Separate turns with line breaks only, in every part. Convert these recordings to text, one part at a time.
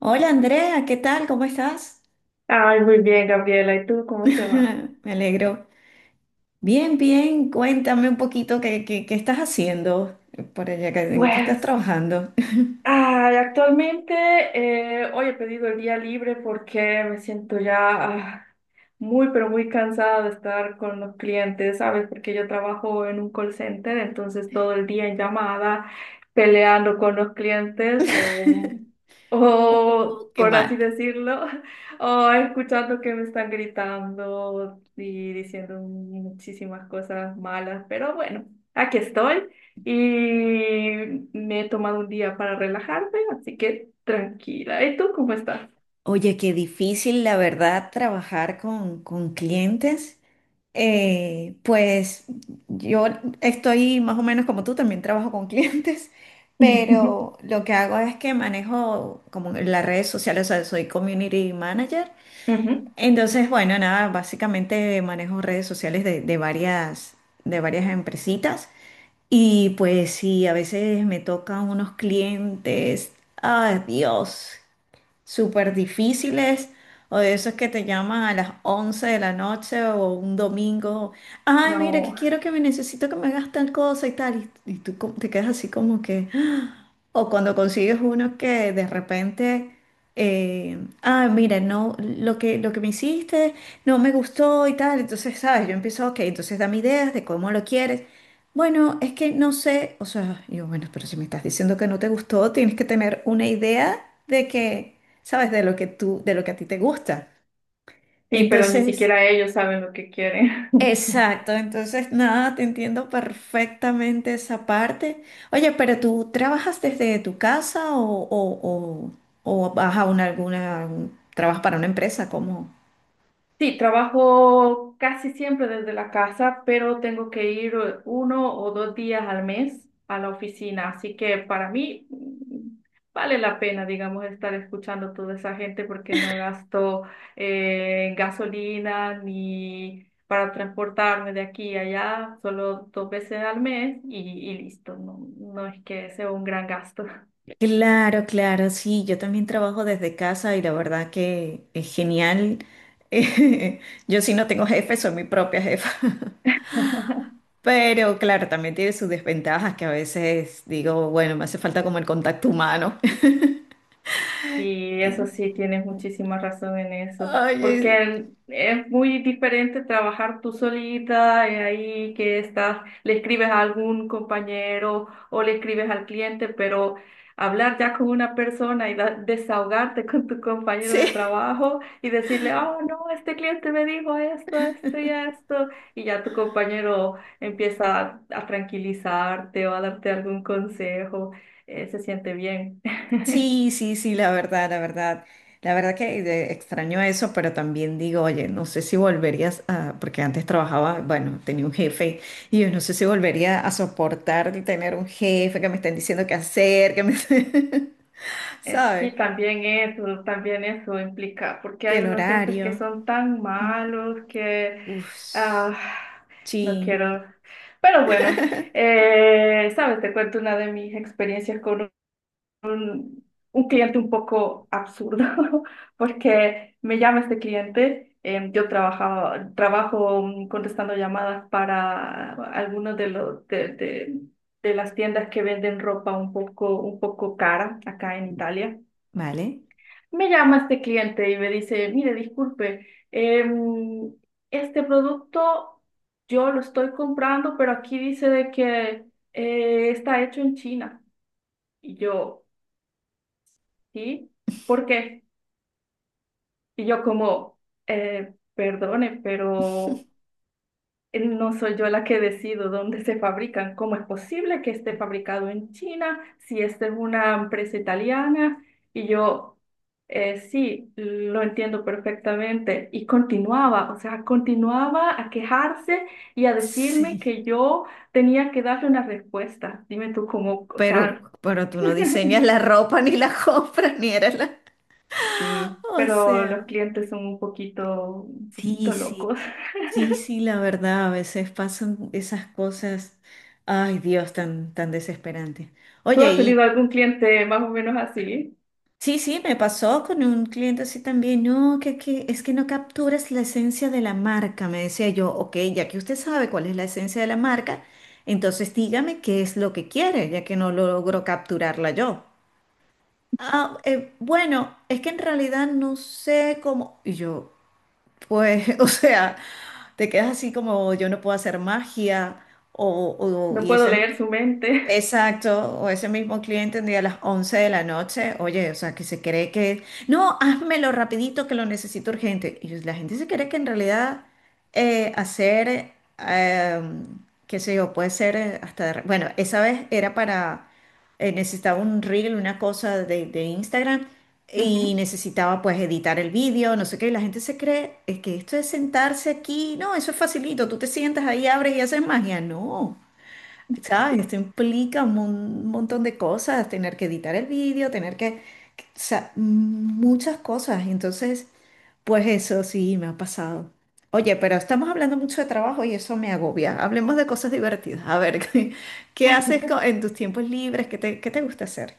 Hola Andrea, ¿qué tal? ¿Cómo estás?
Ay, muy bien, Gabriela. ¿Y tú cómo te va?
Me alegro. Bien, bien. Cuéntame un poquito qué estás haciendo por allá, en qué estás
Pues,
trabajando.
ay, actualmente hoy he pedido el día libre porque me siento ya muy, pero muy cansada de estar con los clientes, ¿sabes? Porque yo trabajo en un call center, entonces todo el día en llamada, peleando con los clientes o
Oh, qué
por
mal.
así decirlo, o escuchando que me están gritando y diciendo muchísimas cosas malas, pero bueno, aquí estoy. Y me he tomado un día para relajarme, así que tranquila. ¿Y tú cómo estás?
Oye, qué difícil, la verdad, trabajar con clientes. Pues yo estoy más o menos como tú, también trabajo con clientes,
Ujú.
pero lo que hago es que manejo como las redes sociales, o sea, soy community manager. Entonces, bueno, nada, básicamente manejo redes sociales de varias empresitas y pues sí, a veces me tocan unos clientes, ay Dios, súper difíciles o de esos que te llaman a las 11 de la noche o un domingo, ay, mira, que
No,
quiero que me necesito que me hagas tal cosa y tal, y tú te quedas así como que, ¡ah! O cuando consigues uno que de repente... Eh, Mira, no, lo que me hiciste no me gustó y tal, entonces, ¿sabes? Yo empiezo, ok, entonces dame ideas de cómo lo quieres. Bueno, es que no sé, o sea, yo, bueno, pero si me estás diciendo que no te gustó, tienes que tener una idea de que ¿sabes? De lo que tú, de lo que a ti te gusta.
sí, pero ni
Entonces,
siquiera ellos saben lo que quieren.
exacto, entonces nada, te entiendo perfectamente esa parte. Oye, pero ¿tú trabajas desde tu casa o, o, o vas a una, alguna, trabajas para una empresa? ¿Cómo?
Sí, trabajo casi siempre desde la casa, pero tengo que ir 1 o 2 días al mes a la oficina, así que para mí, vale la pena, digamos, estar escuchando a toda esa gente porque no gasto gasolina ni para transportarme de aquí a allá, solo dos veces al mes y listo, no, no es que sea un gran gasto.
Claro, claro, sí, yo también trabajo desde casa y la verdad que es genial. Yo sí no tengo jefe, soy mi propia jefa. Pero claro, también tiene sus desventajas que a veces digo, bueno, me hace falta como el contacto humano.
Y eso sí, tienes muchísima razón en eso, porque
Oye,
es muy diferente trabajar tú solita, ahí que estás, le escribes a algún compañero o le escribes al cliente, pero hablar ya con una persona y desahogarte con tu compañero
sí,
de trabajo y decirle, oh, no, este cliente me dijo esto, esto y esto, y ya tu compañero empieza a tranquilizarte o a darte algún consejo, se siente bien.
sí, sí, sí, la verdad, la verdad. La verdad que extraño eso, pero también digo, oye, no sé si volverías a, porque antes trabajaba, bueno, tenía un jefe, y yo no sé si volvería a soportar el tener un jefe que me estén diciendo qué hacer, que me, ¿sabes?
Sí, también eso implica, porque
Que
hay
el
unos jefes que
horario.
son tan
Mm,
malos que
Uf,
ah, no
sí,
quiero. Pero bueno, sabes, te cuento una de mis experiencias con un, un cliente un poco absurdo, porque me llama este cliente. Yo trabajo contestando llamadas para algunos de los de las tiendas que venden ropa un poco cara acá en Italia.
¿vale?
Me llama este cliente y me dice, mire, disculpe, este producto yo lo estoy comprando, pero aquí dice de que está hecho en China. Y yo, ¿sí? ¿Por qué? Y yo como, Perdone, pero no soy yo la que decido dónde se fabrican. ¿Cómo es posible que esté fabricado en China si esta es una empresa italiana?" Y yo, sí, lo entiendo perfectamente. Y continuaba, o sea, continuaba a quejarse y a decirme
Sí.
que yo tenía que darle una respuesta. Dime tú cómo, o sea,
Pero tú no diseñas la ropa, ni la compras, ni eres la...
sí,
O
pero
sea,
los clientes son un
sí,
poquito locos.
sí, sí, sí, la verdad, a veces pasan esas cosas, ay Dios, tan, tan desesperantes.
¿Tú
Oye,
has
y
tenido algún cliente más o menos así?
sí, sí, me pasó con un cliente así también, no, que es que no capturas la esencia de la marca, me decía yo, ok, ya que usted sabe cuál es la esencia de la marca, entonces dígame qué es lo que quiere, ya que no logro capturarla yo. Ah, bueno, es que en realidad no sé cómo. Y yo, pues, o sea, te quedas así como yo no puedo hacer magia o,
No
y
puedo
esa
leer su mente.
exacto, o ese mismo cliente un día a las 11 de la noche, oye, o sea, que se cree que, no, házmelo rapidito que lo necesito urgente. Y la gente se cree que en realidad eh, hacer, eh, qué sé yo, puede ser hasta, bueno, esa vez era para, necesitaba un reel, una cosa de Instagram y
Ujú.
necesitaba pues editar el vídeo, no sé qué, y la gente se cree que esto es sentarse aquí, no, eso es facilito, tú te sientas ahí, abres y haces magia, no. ¿Sabes? Esto implica un montón de cosas, tener que editar el vídeo, tener que, o sea, muchas cosas. Entonces, pues eso sí me ha pasado. Oye, pero estamos hablando mucho de trabajo y eso me agobia. Hablemos de cosas divertidas. A ver, ¿qué, qué haces en tus tiempos libres? Qué te gusta hacer?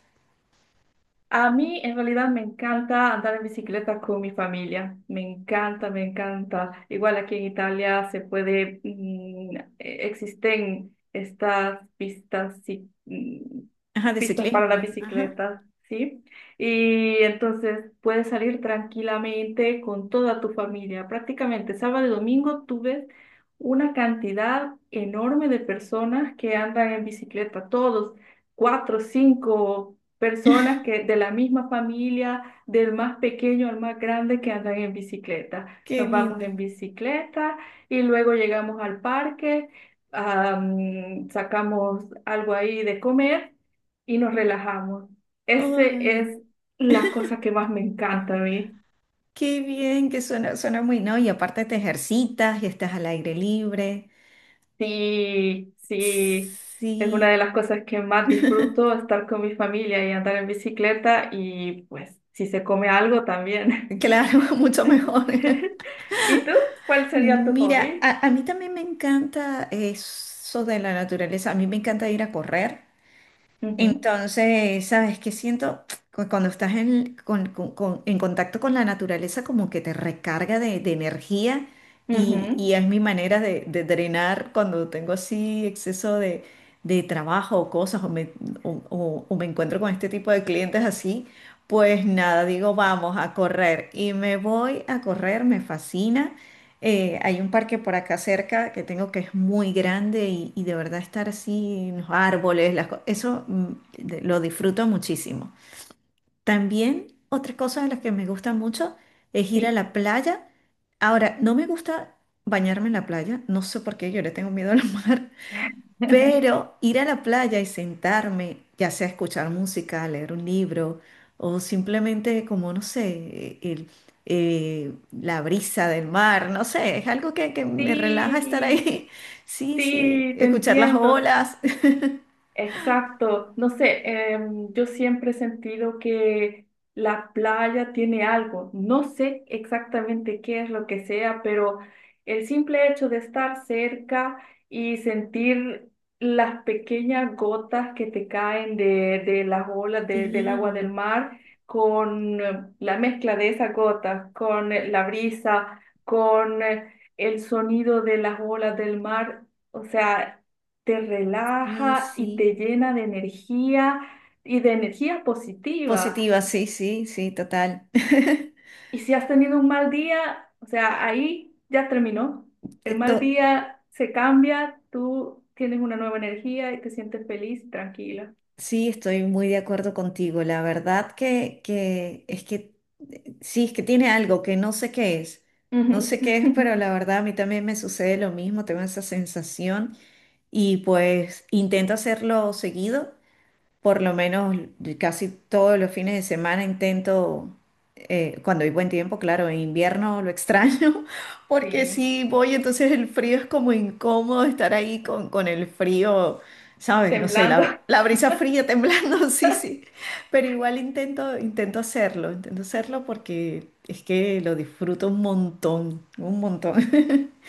A mí en realidad me encanta andar en bicicleta con mi familia, me encanta, me encanta. Igual aquí en Italia se puede, existen estas pistas, sí,
Ajá, de
pistas para la
ciclismo. Ajá,
bicicleta, ¿sí? Y entonces puedes salir tranquilamente con toda tu familia. Prácticamente sábado y domingo tú ves una cantidad enorme de personas que andan en bicicleta, todos cuatro, cinco personas que de la misma familia, del más pequeño al más grande que andan en bicicleta.
qué
Nos vamos
lindo.
en bicicleta y luego llegamos al parque, sacamos algo ahí de comer y nos relajamos. Ese
Ay,
es la cosa que más me encanta a mí.
qué bien que suena, suena muy, ¿no? Y aparte te ejercitas y estás al aire libre.
Sí, sí, es una de
Sí.
las cosas que más disfruto, estar con mi familia y andar en bicicleta y pues si se come algo también.
Claro, mucho mejor.
¿Y tú? ¿Cuál sería tu
Mira,
hobby?
a mí también me encanta eso de la naturaleza. A mí me encanta ir a correr.
Ujú,
Entonces, ¿sabes qué siento? Cuando estás en, en contacto con la naturaleza, como que te recarga de energía
ujú,
y es mi manera de drenar cuando tengo así exceso de trabajo o cosas o me, o me encuentro con este tipo de clientes así, pues nada, digo, vamos a correr y me voy a correr, me fascina. Hay un parque por acá cerca que tengo que es muy grande y de verdad estar así en los árboles, eso mm, lo disfruto muchísimo. También otra cosa de las que me gusta mucho es ir a
sí.
la playa. Ahora, no me gusta bañarme en la playa, no sé por qué, yo le tengo miedo al mar, pero ir a la playa y sentarme, ya sea a escuchar música, a leer un libro o simplemente como, no sé, la brisa del mar, no sé, es algo que me relaja estar
Sí,
ahí. Sí, sí,
sí, te
escuchar las
entiendo,
olas.
exacto, no sé, yo siempre he sentido que la playa tiene algo, no sé exactamente qué es lo que sea, pero el simple hecho de estar cerca y sentir las pequeñas gotas que te caen de las olas del agua del
Sí,
mar, con la mezcla de esas gotas, con la brisa, con el sonido de las olas del mar, o sea, te
sí,
relaja y te
sí.
llena de energía y de energía positiva.
Positiva, sí, sí, sí, total.
Y si has tenido un mal día, o sea, ahí ya terminó. El mal
To-
día se cambia, tú tienes una nueva energía y te sientes feliz, tranquila.
sí, estoy muy de acuerdo contigo. La verdad que es que sí, es que tiene algo que no sé qué es.
Ujú.
No sé qué es, pero la verdad a mí también me sucede lo mismo, tengo esa sensación y pues intento hacerlo seguido por lo menos casi todos los fines de semana intento, cuando hay buen tiempo, claro, en invierno lo extraño, porque
Sí,
si voy, entonces el frío es como incómodo estar ahí con el frío, ¿sabes? No sé,
temblando.
la brisa fría temblando, sí, sí, pero igual intento, intento hacerlo porque es que lo disfruto un montón, un montón.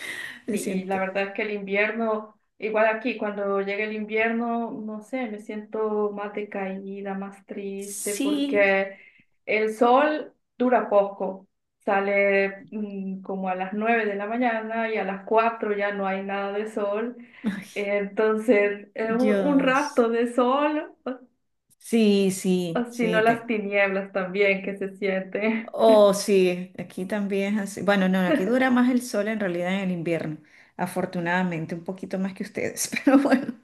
Me
Sí, y
siento.
la verdad es que el invierno, igual aquí, cuando llega el invierno, no sé, me siento más decaída, más triste,
Sí,
porque el sol dura poco. Sale como a las 9 de la mañana y a las 4 ya no hay nada de sol.
ay,
Entonces, un
Dios.
rato de sol,
Sí,
o
sí,
si
sí,
no las
te-
tinieblas también que se siente.
oh, sí, aquí también es así. Bueno, no, aquí dura más el sol en realidad en el invierno, afortunadamente, un poquito más que ustedes, pero bueno,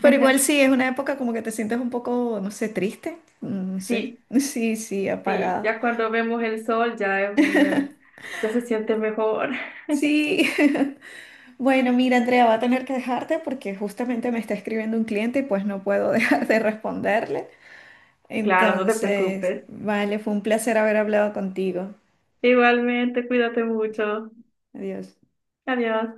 pero igual sí, es una época como que te sientes un poco, no sé, triste, no sé,
Sí,
sí, sí,
sí,
apagada.
ya cuando vemos el sol ya es un, ya se siente mejor.
Sí, bueno, mira, Andrea, va a tener que dejarte porque justamente me está escribiendo un cliente y pues no puedo dejar de responderle.
Claro, no te
Entonces,
preocupes.
vale, fue un placer haber hablado contigo.
Igualmente, cuídate mucho.
Adiós.
Adiós.